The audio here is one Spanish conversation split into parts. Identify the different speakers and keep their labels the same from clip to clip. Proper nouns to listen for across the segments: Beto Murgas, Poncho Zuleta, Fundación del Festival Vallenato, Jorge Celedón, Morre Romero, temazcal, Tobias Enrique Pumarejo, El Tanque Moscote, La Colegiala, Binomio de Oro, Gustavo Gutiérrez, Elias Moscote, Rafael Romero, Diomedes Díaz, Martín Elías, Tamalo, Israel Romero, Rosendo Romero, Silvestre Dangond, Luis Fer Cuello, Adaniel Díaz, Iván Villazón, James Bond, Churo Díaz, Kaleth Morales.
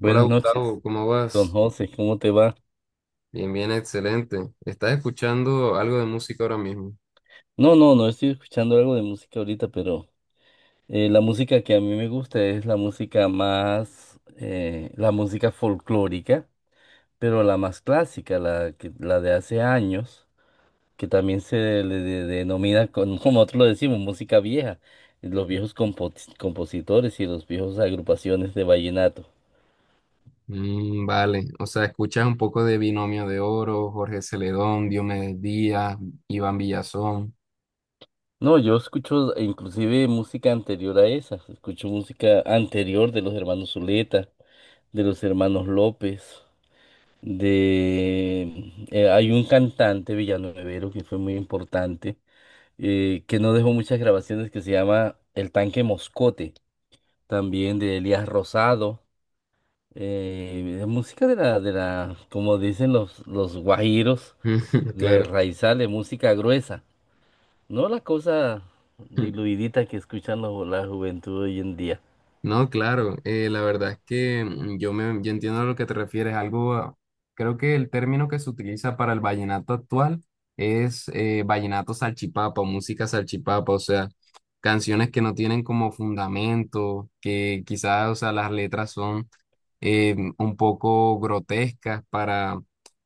Speaker 1: Hola
Speaker 2: noches,
Speaker 1: Gustavo, ¿cómo
Speaker 2: don
Speaker 1: vas?
Speaker 2: José, ¿cómo te va?
Speaker 1: Bien, bien, excelente. ¿Estás escuchando algo de música ahora mismo?
Speaker 2: No estoy escuchando algo de música ahorita, pero la música que a mí me gusta es la música más, la música folclórica, pero la más clásica, la de hace años, que también se denomina, como nosotros lo decimos, música vieja, los compositores y los viejos agrupaciones de vallenato.
Speaker 1: Mm, vale, o sea, escuchas un poco de Binomio de Oro, Jorge Celedón, Diomedes Díaz, Iván Villazón.
Speaker 2: No, yo escucho inclusive música anterior a esa, escucho música anterior de los hermanos Zuleta, de los hermanos López, de hay un cantante villanuevero que fue muy importante, que no dejó muchas grabaciones, que se llama El Tanque Moscote, también de Elías Rosado, de música de la, como dicen los guajiros, de
Speaker 1: Claro.
Speaker 2: raizales, música gruesa, no la cosa diluidita que escuchan la juventud hoy en día.
Speaker 1: No, claro, la verdad es que mm, yo entiendo a lo que te refieres. Algo, ah, creo que el término que se utiliza para el vallenato actual es vallenato salchipapa, música salchipapa, o sea, canciones que no tienen como fundamento, que quizás, o sea, las letras son un poco grotescas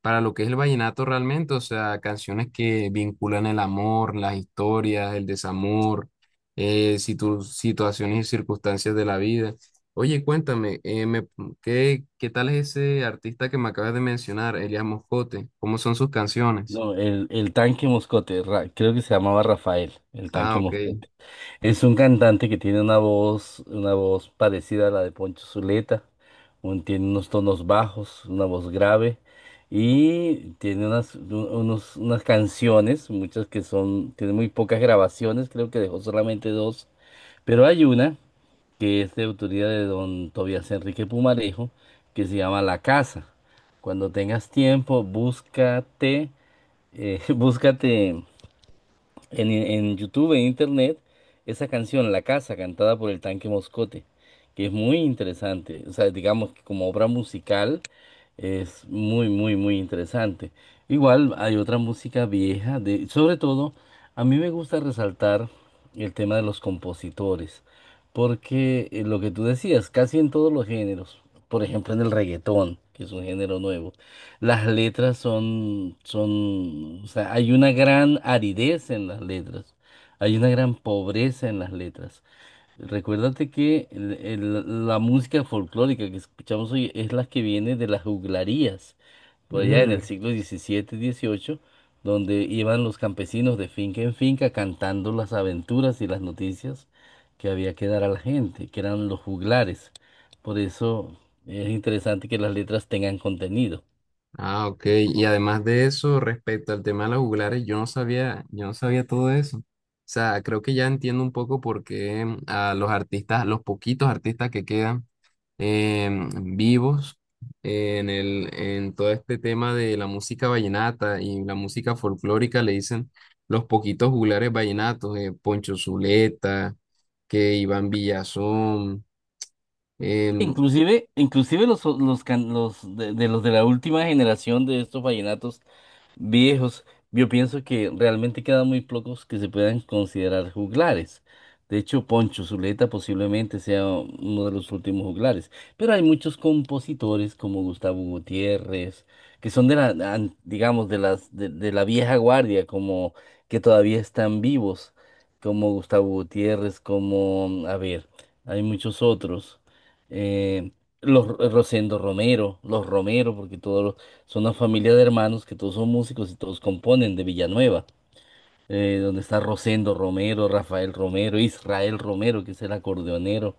Speaker 1: para lo que es el vallenato realmente, o sea, canciones que vinculan el amor, las historias, el desamor, situaciones y circunstancias de la vida. Oye, cuéntame, ¿qué, qué tal es ese artista que me acabas de mencionar, Elias Moscote? ¿Cómo son sus canciones?
Speaker 2: No, el Tanque Moscote, creo que se llamaba Rafael, el
Speaker 1: Ah,
Speaker 2: Tanque
Speaker 1: ok.
Speaker 2: Moscote. Es un cantante que tiene una voz parecida a la de Poncho Zuleta, tiene unos tonos bajos, una voz grave y tiene unas canciones, muchas que son, tiene muy pocas grabaciones, creo que dejó solamente dos, pero hay una que es de autoría de don Tobias Enrique Pumarejo, que se llama La Casa. Cuando tengas tiempo, búscate eh, búscate en, en YouTube, en Internet, esa canción, La Casa, cantada por el Tanque Moscote, que es muy interesante. O sea, digamos que como obra musical es muy, muy, muy interesante. Igual hay otra música vieja, de, sobre todo, a mí me gusta resaltar el tema de los compositores, porque lo que tú decías, casi en todos los géneros, por ejemplo en el reggaetón, que es un género nuevo, las letras son, o sea, hay una gran aridez en las letras, hay una gran pobreza en las letras. Recuérdate que la música folclórica que escuchamos hoy es la que viene de las juglarías, por
Speaker 1: Bueno.
Speaker 2: allá en el
Speaker 1: Mm.
Speaker 2: siglo XVII, XVIII, donde iban los campesinos de finca en finca cantando las aventuras y las noticias que había que dar a la gente, que eran los juglares. Por eso es interesante que las letras tengan contenido.
Speaker 1: Ah, ok. Y además de eso, respecto al tema de los juglares, yo no sabía todo eso. O sea, creo que ya entiendo un poco por qué mm, a los artistas, a los poquitos artistas que quedan em, vivos en el, en todo este tema de la música vallenata y la música folclórica le dicen los poquitos juglares vallenatos, Poncho Zuleta, que Iván Villazón, em,
Speaker 2: Inclusive, los de los de la última generación de estos vallenatos viejos, yo pienso que realmente quedan muy pocos que se puedan considerar juglares. De hecho, Poncho Zuleta posiblemente sea uno de los últimos juglares. Pero hay muchos compositores como Gustavo Gutiérrez, que son de la, digamos, de de la vieja guardia, como que todavía están vivos, como Gustavo Gutiérrez, como, a ver, hay muchos otros. Eh, los Rosendo Romero, los Romero, porque todos los son una familia de hermanos que todos son músicos y todos componen de Villanueva, donde está Rosendo Romero, Rafael Romero, Israel Romero, que es el acordeonero.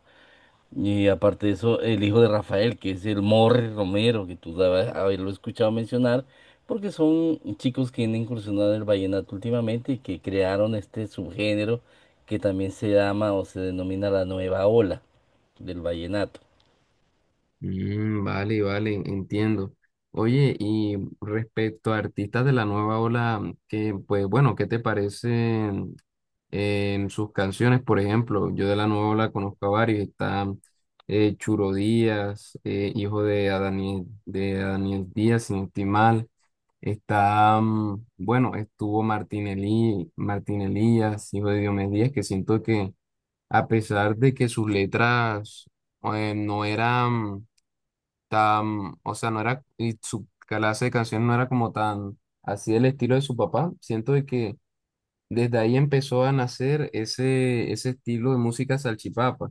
Speaker 2: Y aparte de eso, el hijo de Rafael, que es el Morre Romero, que tú debes haberlo escuchado mencionar, porque son chicos que han incursionado en el vallenato últimamente y que crearon este subgénero que también se llama o se denomina la nueva ola del vallenato.
Speaker 1: Mm, vale, vale, entiendo. Oye, y respecto a artistas de la nueva ola, que pues bueno, ¿qué te parecen en sus canciones? Por ejemplo, yo de la nueva ola conozco a varios, está Churo Díaz, hijo de Adaniel Díaz, sin no estoy mal. Está, mm, bueno, estuvo Martín Elí, Martín Elías, hijo de Diomedes Díaz, que siento que a pesar de que sus letras no eran tan, o sea, no era, y su clase de canción no era como tan así el estilo de su papá. Siento de que desde ahí empezó a nacer ese, ese estilo de música salchipapa,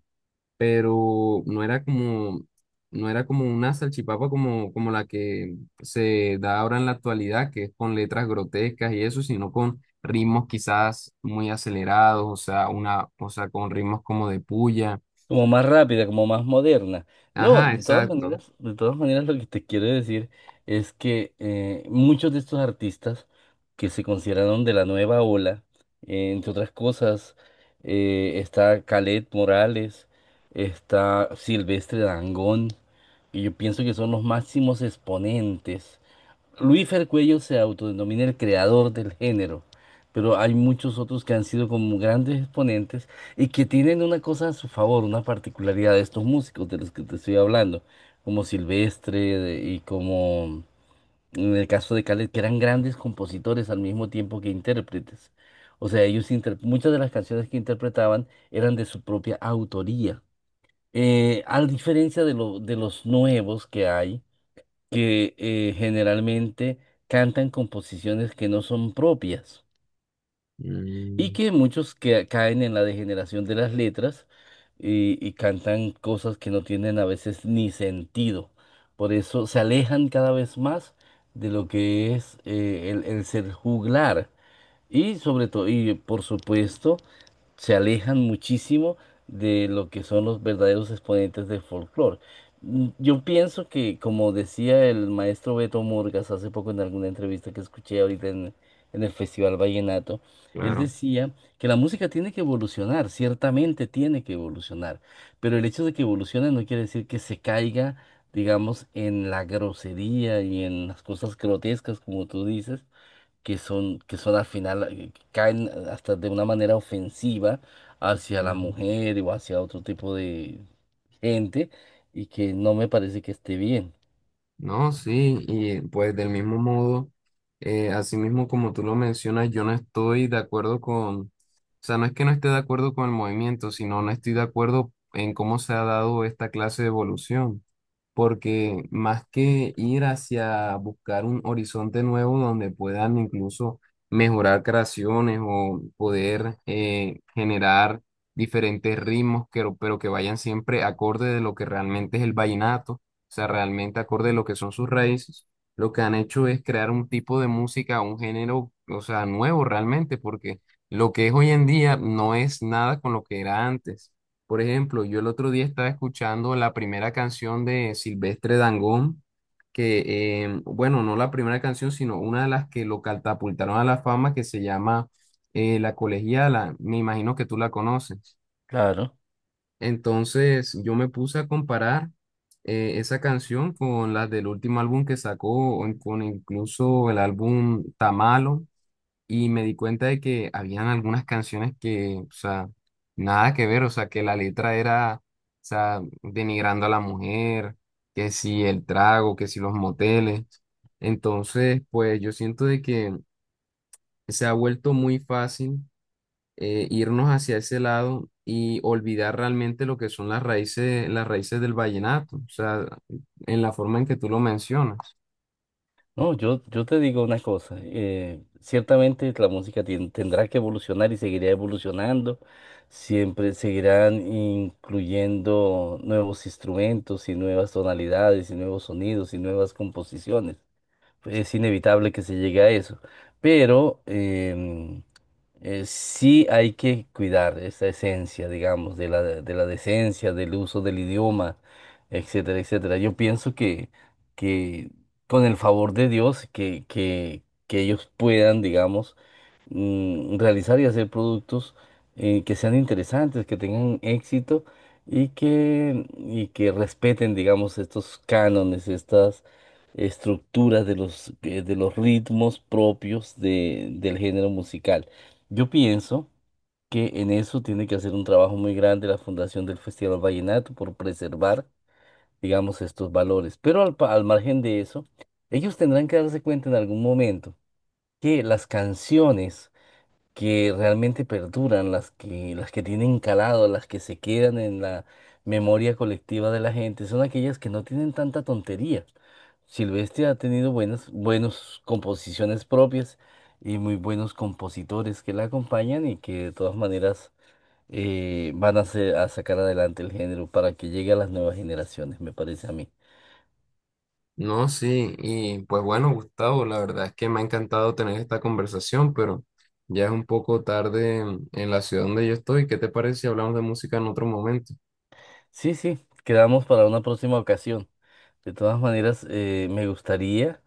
Speaker 1: pero no era como, no era como una salchipapa como, como la que se da ahora en la actualidad, que es con letras grotescas y eso, sino con ritmos quizás muy acelerados, o sea, una, o sea, con ritmos como de puya.
Speaker 2: Como más rápida, como más moderna. No,
Speaker 1: Ajá, exacto.
Speaker 2: de todas maneras lo que te quiero decir es que muchos de estos artistas que se consideraron de la nueva ola, entre otras cosas, está Kaleth Morales, está Silvestre Dangond, y yo pienso que son los máximos exponentes. Luis Fer Cuello se autodenomina el creador del género, pero hay muchos otros que han sido como grandes exponentes y que tienen una cosa a su favor, una particularidad de estos músicos de los que te estoy hablando, como y como en el caso de Khaled, que eran grandes compositores al mismo tiempo que intérpretes. O sea, muchas de las canciones que interpretaban eran de su propia autoría. A diferencia de los nuevos que hay, que generalmente cantan composiciones que no son propias y
Speaker 1: Mm,
Speaker 2: que muchos que caen en la degeneración de las letras y cantan cosas que no tienen a veces ni sentido. Por eso se alejan cada vez más de lo que es el ser juglar y sobre todo, y por supuesto, se alejan muchísimo de lo que son los verdaderos exponentes del folclore. Mm, Yo pienso que, como decía el maestro Beto Murgas hace poco en alguna entrevista que escuché ahorita en el Festival Vallenato, él
Speaker 1: claro.
Speaker 2: decía que la música tiene que evolucionar, ciertamente tiene que evolucionar, pero el hecho de que evolucione no quiere decir que se caiga, digamos, en la grosería y en las cosas grotescas, como tú dices, que son al final, caen hasta de una manera ofensiva hacia la mujer o hacia otro tipo de gente y que no me parece que esté bien.
Speaker 1: No, sí, y pues del mismo modo, así mismo como tú lo mencionas, yo no estoy de acuerdo con, o sea, no es que no esté de acuerdo con el movimiento, sino no estoy de acuerdo en cómo se ha dado esta clase de evolución porque más que ir hacia buscar un horizonte nuevo donde puedan incluso mejorar creaciones o poder generar diferentes ritmos, que- pero que vayan siempre acorde de lo que realmente es el vallenato, o sea, realmente acorde de lo que son sus raíces, lo que han hecho es crear un tipo de música, un género, o sea, nuevo realmente, porque lo que es hoy en día no es nada con lo que era antes. Por ejemplo, yo el otro día estaba escuchando la primera canción de Silvestre Dangond, que, bueno, no la primera canción, sino una de las que lo catapultaron a la fama, que se llama La Colegiala. Me imagino que tú la conoces.
Speaker 2: Claro.
Speaker 1: Entonces, yo me puse a comparar esa canción con las del último álbum que sacó, o con incluso el álbum Tamalo y me di cuenta de que habían algunas canciones que, o sea, nada que ver, o sea, que la letra era, o sea, denigrando a la mujer, que si el trago, que si los moteles. Entonces, pues yo siento de que se ha vuelto muy fácil irnos hacia ese lado y olvidar realmente lo que son las raíces del vallenato, o sea, en la forma en que tú lo mencionas.
Speaker 2: No, yo te digo una cosa, ciertamente la música tendrá que evolucionar y seguirá evolucionando, siempre seguirán incluyendo nuevos instrumentos y nuevas tonalidades y nuevos sonidos y nuevas composiciones. Es inevitable que se llegue a eso. Pero sí hay que cuidar esa esencia, digamos, de de la decencia, del uso del idioma, etcétera, etcétera. Yo pienso que con el favor de Dios, que ellos puedan, digamos, realizar y hacer productos que sean interesantes, que tengan éxito y que respeten, digamos, estos cánones, estas estructuras de los ritmos propios del género musical. Yo pienso que en eso tiene que hacer un trabajo muy grande la Fundación del Festival Vallenato por preservar, digamos, estos valores. Pero al margen de eso, ellos tendrán que darse cuenta en algún momento que las canciones que realmente perduran, las que tienen calado, las que se quedan en la memoria colectiva de la gente, son aquellas que no tienen tanta tontería. Silvestre ha tenido buenas composiciones propias y muy buenos compositores que la acompañan y que de todas maneras a sacar adelante el género para que llegue a las nuevas generaciones, me parece a mí.
Speaker 1: No, sí, y pues bueno, Gustavo, la verdad es que me ha encantado tener esta conversación, pero ya es un poco tarde en la ciudad donde yo estoy. ¿Qué te parece si hablamos de música en otro momento?
Speaker 2: Sí, sí, quedamos para una próxima ocasión. De todas maneras, me gustaría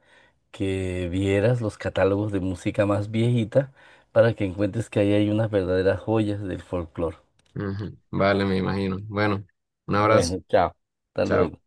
Speaker 2: que vieras los catálogos de música más viejita para que encuentres que ahí hay unas verdaderas joyas del folclore.
Speaker 1: Ujú, vale, me imagino. Bueno, un abrazo.
Speaker 2: Bueno, chao. Hasta
Speaker 1: Chao.
Speaker 2: luego.